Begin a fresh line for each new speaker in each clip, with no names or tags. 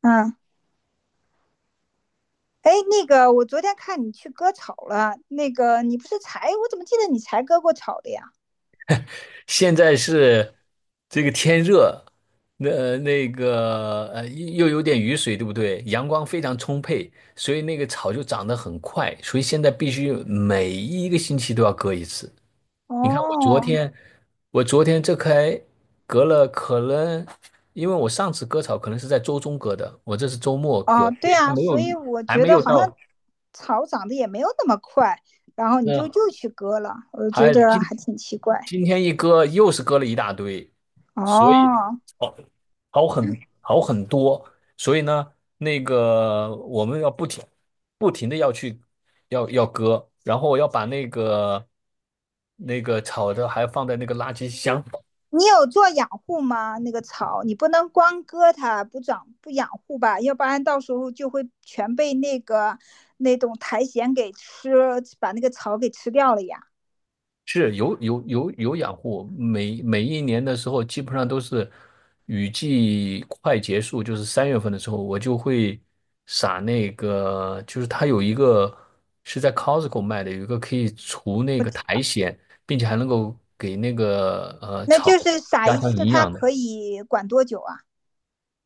嗯，哎，那个，我昨天看你去割草了，那个你不是才，我怎么记得你才割过草的呀？
现在是这个天热，那个又有点雨水，对不对？阳光非常充沛，所以那个草就长得很快，所以现在必须每一个星期都要割一次。你看我昨
哦，
天，我昨天这才割了，可能因为我上次割草可能是在周中割的，我这是周末割，
哦，
所
对
以还
啊，
没有
所以我
还
觉
没
得
有
好像
到。
草长得也没有那么快，然后你就
嗯，
又去割了，我觉
还
得
今
还挺奇怪。
今天一割又是割了一大堆。所以
哦，
好好很好很多。所以呢，那个我们要不停的要去要割，然后要把那个炒的还放在那个垃圾箱。
你有做养护吗？那个草，你不能光割它不长不养护吧，要不然到时候就会全被那个那种苔藓给吃，把那个草给吃掉了呀。
是有养护，每一年的时候，基本上都是雨季快结束，就是三月份的时候，我就会撒那个，就是它有一个是在 Costco 卖的，有一个可以除那
不
个
止，
苔藓，并且还能够给那个
那
草
就是撒
加
一
强
次，
营
它
养的。
可以管多久啊？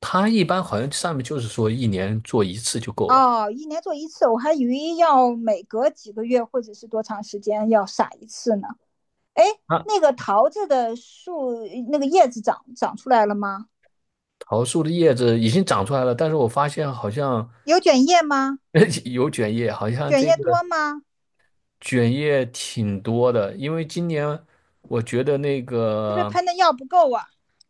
它一般好像上面就是说一年做一次就够了。
哦，一年做一次，我还以为要每隔几个月或者是多长时间要撒一次呢。哎，
啊，
那个桃子的树那个叶子长长出来了吗？
桃树的叶子已经长出来了，但是我发现好像
有卷叶吗？
有卷叶，好像
卷
这
叶
个。
多吗？
卷叶挺多的，因为今年我觉得那
是不是
个。
喷的药不够啊？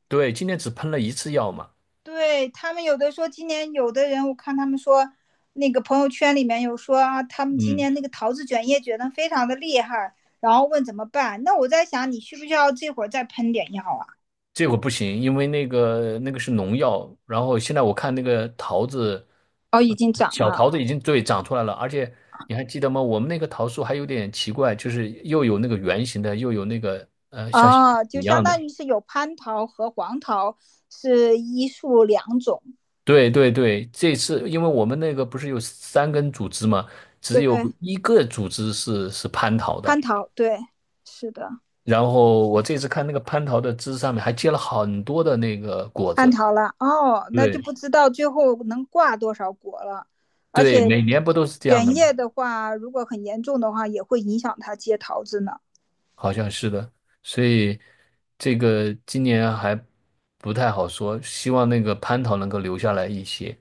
对，今年只喷了一次药嘛。
对他们有的说，今年有的人我看他们说，那个朋友圈里面有说啊，他们今
嗯，
年那个桃子卷叶卷的非常的厉害，然后问怎么办。那我在想，你需不需要这会儿再喷点药啊？
这果不行，因为那个是农药，然后现在我看那个桃子，
哦，已
呃
经长
小
了
桃子已经对长出来了，而且你还记得吗？我们那个桃树还有点奇怪，就是又有那个圆形的，又有那个像
哦，
一
就相
样的。
当于是有蟠桃和黄桃是一树两种。
对对对，这次因为我们那个不是有三根组织嘛，只
对，
有一个组织是蟠桃的。
蟠桃，对，是的，
然后我这次看那个蟠桃的枝上面还结了很多的那个果
蟠
子。
桃了。哦，那就
对
不知道最后能挂多少果了，而
对，
且
每年不都是这样
卷
的吗？
叶的话，如果很严重的话，也会影响它结桃子呢。
好像是的，所以这个今年还不太好说，希望那个蟠桃能够留下来一些。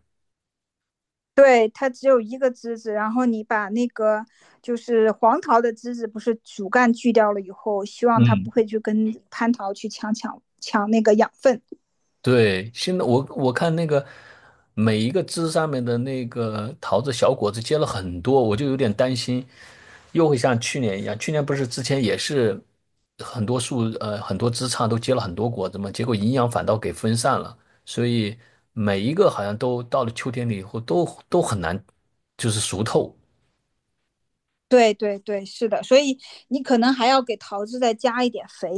对，它只有一个枝子，然后你把那个就是黄桃的枝子，不是主干锯掉了以后，希望它
嗯，
不会去跟蟠桃去抢那个养分。
对，现在我看那个每一个枝上面的那个桃子小果子结了很多，我就有点担心，又会像去年一样。去年不是之前也是很多树很多枝杈都结了很多果子嘛，结果营养反倒给分散了，所以每一个好像都到了秋天里以后都很难就是熟透。
对对对，是的，所以你可能还要给桃子再加一点肥，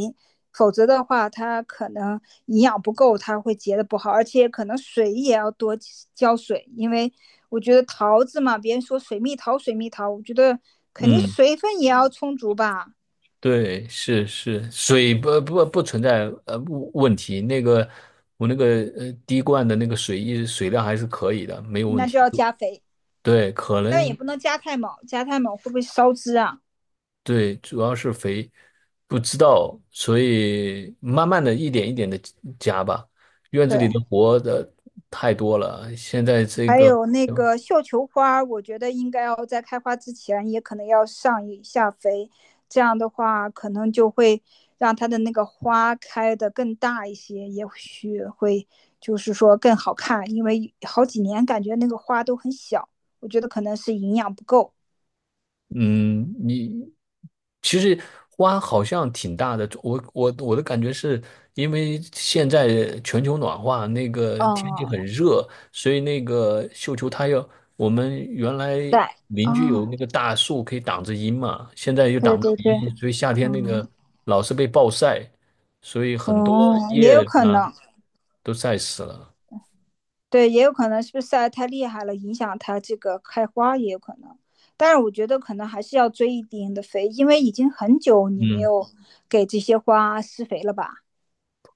否则的话，它可能营养不够，它会结的不好，而且可能水也要多浇水，因为我觉得桃子嘛，别人说水蜜桃水蜜桃，我觉得肯定
嗯。
水分也要充足吧，
对，是是，水不存在问题。那个我那个滴灌的那个水一直水量还是可以的，没有问
那就
题。
要加肥，
对，可
但也
能
不能加太猛，加太猛会不会烧枝啊？
对，主要是肥不知道，所以慢慢的一点一点的加吧。院子里
对，
的活的太多了，现在这
还
个
有那个绣球花，我觉得应该要在开花之前，也可能要上一下肥，这样的话可能就会让它的那个花开的更大一些，也许会就是说更好看，因为好几年感觉那个花都很小，我觉得可能是营养不够。
嗯，你其实花好像挺大的。我的感觉是因为现在全球暖化，那个天气很
嗯，
热，所以那个绣球它要我们原来
对，哦，
邻居有那个大树可以挡着阴嘛，现在又挡
对
不了
对对，
阴，所以夏天那
嗯，
个老是被暴晒，所以很多
哦、也
叶
有
子
可
呢
能，
都晒死了。
对，也有可能是不是晒得太厉害了，影响它这个开花也有可能。但是我觉得可能还是要追一定的肥，因为已经很久你没
嗯
有给这些花施肥了吧？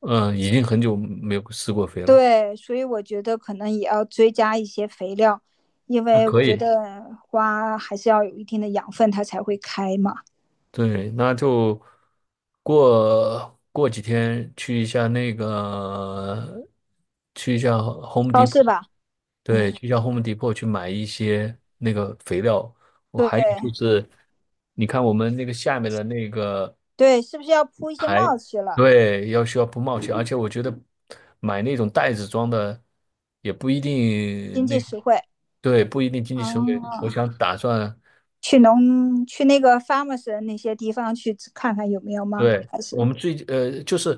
嗯，已经很久没有施过肥了，
对，所以我觉得可能也要追加一些肥料，因
那
为我
可
觉
以。
得花还是要有一定的养分，它才会开嘛。
对，那就过几天去一下那个，去一下 Home
超
Depot。
市吧，
对，
嗯，
去一下 Home Depot 去买一些那个肥料。我
对
还有就是，你看我们那个下面的那个
对，是不是要铺一些
还，
帽子了？
对，要需要不冒险，而且我觉得买那种袋子装的也不一
经
定那，
济实惠。
对，不一定经济实惠。我
哦，
想打算。
去那个 farmers 那些地方去看看有没有吗？
对，
还是
我们最，就是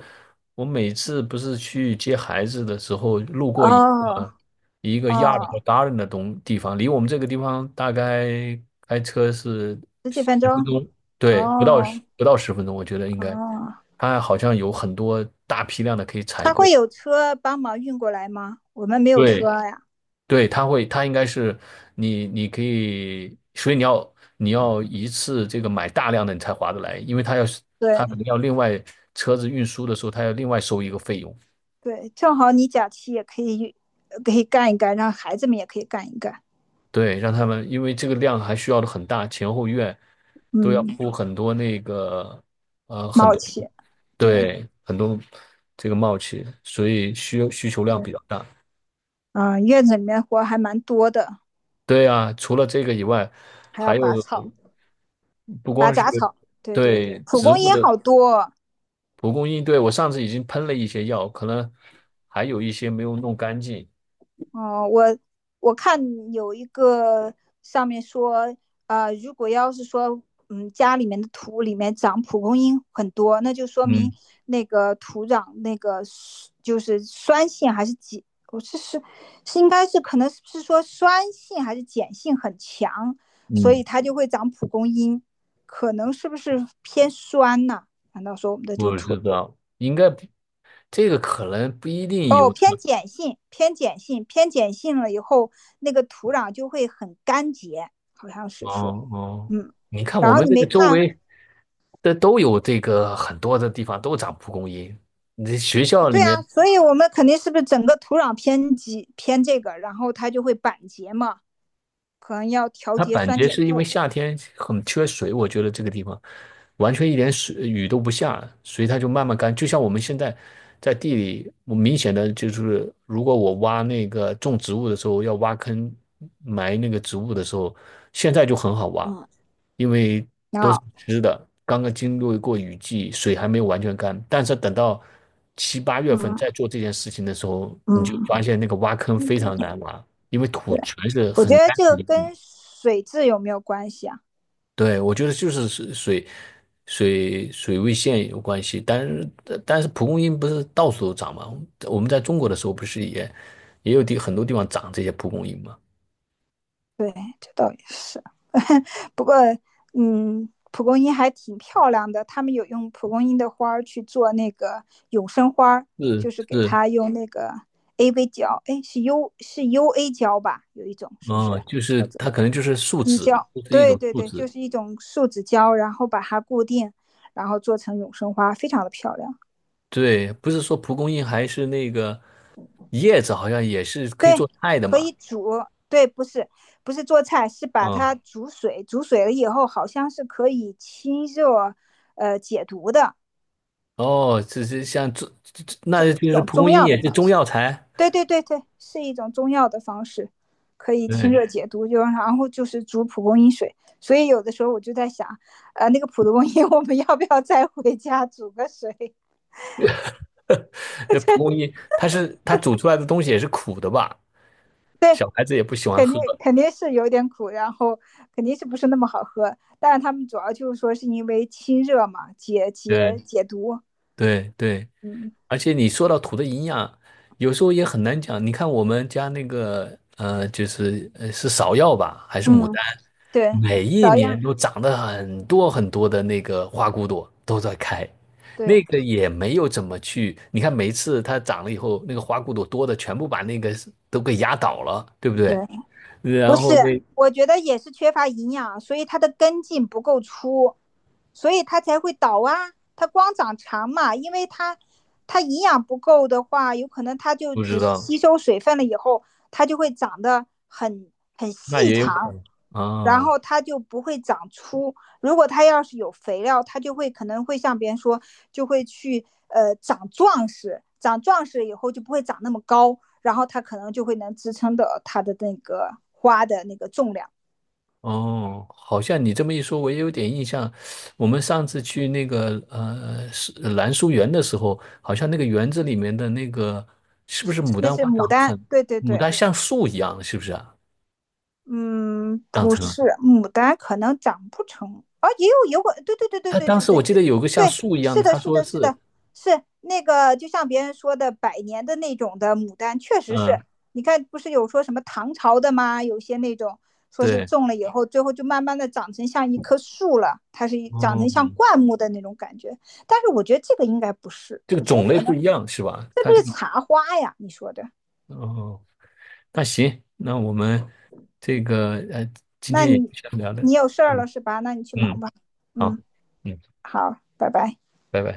我每次不是去接孩子的时候，路过一
哦
个一个亚 a r d 和
哦，
达 a 的东地方，离我们这个地方大概开车是
十几
十
分
分
钟
钟。对，
哦
不到十分钟，我觉得应该，
哦，
它好像有很多大批量的可以采
他
购。
会有车帮忙运过来吗？我们没有
对，
车呀。
对，它会，它应该是你，你可以，所以你要一次这个买大量的，你才划得来，因为它要是
对
它可能要另外车子运输的时候，它要另外收一个费用。
对，正好你假期也可以可以干一干，让孩子们也可以干一干。
对，让他们因为这个量还需要的很大，前后院都要
嗯，
铺很多那个
蛮
很
好
多
奇对
对很多这个冒气，所以需求量比较大。
啊、院子里面活还蛮多的，
对啊，除了这个以外，
还要
还有
拔草、
不
拔
光是
杂草。对对对，
对
蒲
植
公
物
英
的。
好多，
蒲公英，对，我上次已经喷了一些药，可能还有一些没有弄干净。
哦，我看有一个上面说，如果要是说，嗯，家里面的土里面长蒲公英很多，那就说明
嗯
那个土壤那个是就是酸性还是碱，我是应该是可能是说酸性还是碱性很强，所
嗯，
以它就会长蒲公英，可能是不是偏酸呐、难道说我们的这个
我
土
知道，应该不这个可能不一定
哦，
有
偏 碱性，偏碱性，偏碱性了以后，那个土壤就会很干结，好像是说，
哦哦，
嗯，
你看我
然后
们
你
这个
没
周
看，
围的都有这个很多的地方都长蒲公英，你这学校里
对啊，
面
所以我们肯定是不是整个土壤偏极偏这个，然后它就会板结嘛，可能要调
它
节
板
酸
街
碱
是因为
度，
夏天很缺水，我觉得这个地方完全一点水雨都不下，所以它就慢慢干。就像我们现在在地里，我明显的就是，如果我挖那个种植物的时候要挖坑埋那个植物的时候，现在就很好挖，
嗯，
因为都是
啊，
湿的，刚刚经历过雨季，水还没有完全干。但是等到七八月份
嗯
再做这件事情的时候，你就发
嗯，
现那个挖坑非常难挖，因为土
对，
全是
我觉
很
得
干
这个
的。
跟水质有没有关系啊？
对，我觉得就是水水位线有关系，但是但是蒲公英不是到处都长吗？我们在中国的时候不是也也有地很多地方长这些蒲公英吗？
对，这倒也是。不过，嗯，蒲公英还挺漂亮的，他们有用蒲公英的花儿去做那个永生花
是
就是给
是，
它用那个 AV 胶，哎，是 U 是 UA 胶吧？有一种是不
哦，
是
就是
叫做
它可能就是树
滴
脂，
胶？
就是一
对
种
对
树
对，
脂。
就是一种树脂胶，然后把它固定，然后做成永生花，非常的漂亮，
对，不是说蒲公英还是那个叶子，好像也是可以做菜的
可
嘛。
以煮。对，不是不是做菜，是把
嗯，
它煮水，煮水了以后好像是可以清热，解毒的，
哦，这是像这这，这那
这一
就是
种
蒲公
中
英
药的
也是
方
中
式。
药材。
对对对对，是一种中药的方式，可以清
对，
热解毒，就然后就是煮蒲公英水。所以有的时候我就在想，那个蒲公英我们要不要再回家煮个水？
那蒲公 英它是它煮出来的东西也是苦的吧？
对，
小孩子也不喜欢
肯定
喝。
肯定是有点苦，然后肯定是不是那么好喝。但是他们主要就是说是因为清热嘛，解解
对
解毒。
对对，
嗯
而且你说到土的营养，有时候也很难讲。你看我们家那个，就是是芍药吧，还是牡
嗯，
丹，
对，
每一
芍
年
药，
都长得很多很多的那个花骨朵都在开，那
对
个也没有怎么去。你看每一次它长了以后，那个花骨朵多的全部把那个都给压倒了，对不对？
对。
然后那
我觉得也是缺乏营养，所以它的根茎不够粗，所以它才会倒啊。它光长长嘛，因为它营养不够的话，有可能它就
不知
只是
道。
吸收水分了以后，它就会长得很
那
细
也有可
长，
能
然
啊。
后它就不会长粗。如果它要是有肥料，它就会可能会像别人说，就会去长壮实，长壮实以后就不会长那么高，然后它可能就会能支撑到它的那个花的那个重量。
哦，好像你这么一说，我也有点印象。我们上次去那个是兰书园的时候，好像那个园子里面的那个是不是牡
那
丹
是
花
牡
长得
丹，
很，
对对
牡
对，
丹像树一样，是不是啊？
嗯，
长
不
成了。
是牡丹，可能长不成啊，也有有果，对对对对
他
对
当
对
时我
对，
记得有个像
对，
树一样
是
的，
的，
他
是
说
的，是
是，
的，是那个，就像别人说的，百年的那种的牡丹，确实是。
嗯，
你看，不是有说什么唐朝的吗？有些那种说是
对。
种了以后，最后就慢慢的长成像一棵树了，它是一长成
哦，
像灌木的那种感觉。但是我觉得这个应该不是，
这个
我觉得
种类
可
不
能
一样是吧？
是
他
不
这
是
个，
茶花呀？你说的
哦，那行，那我们这个，今
那
天也就
你
先聊的。
你有事儿了
嗯，
是吧？那你去忙
嗯
吧。
好。
嗯，
嗯。
好，拜拜。
拜拜。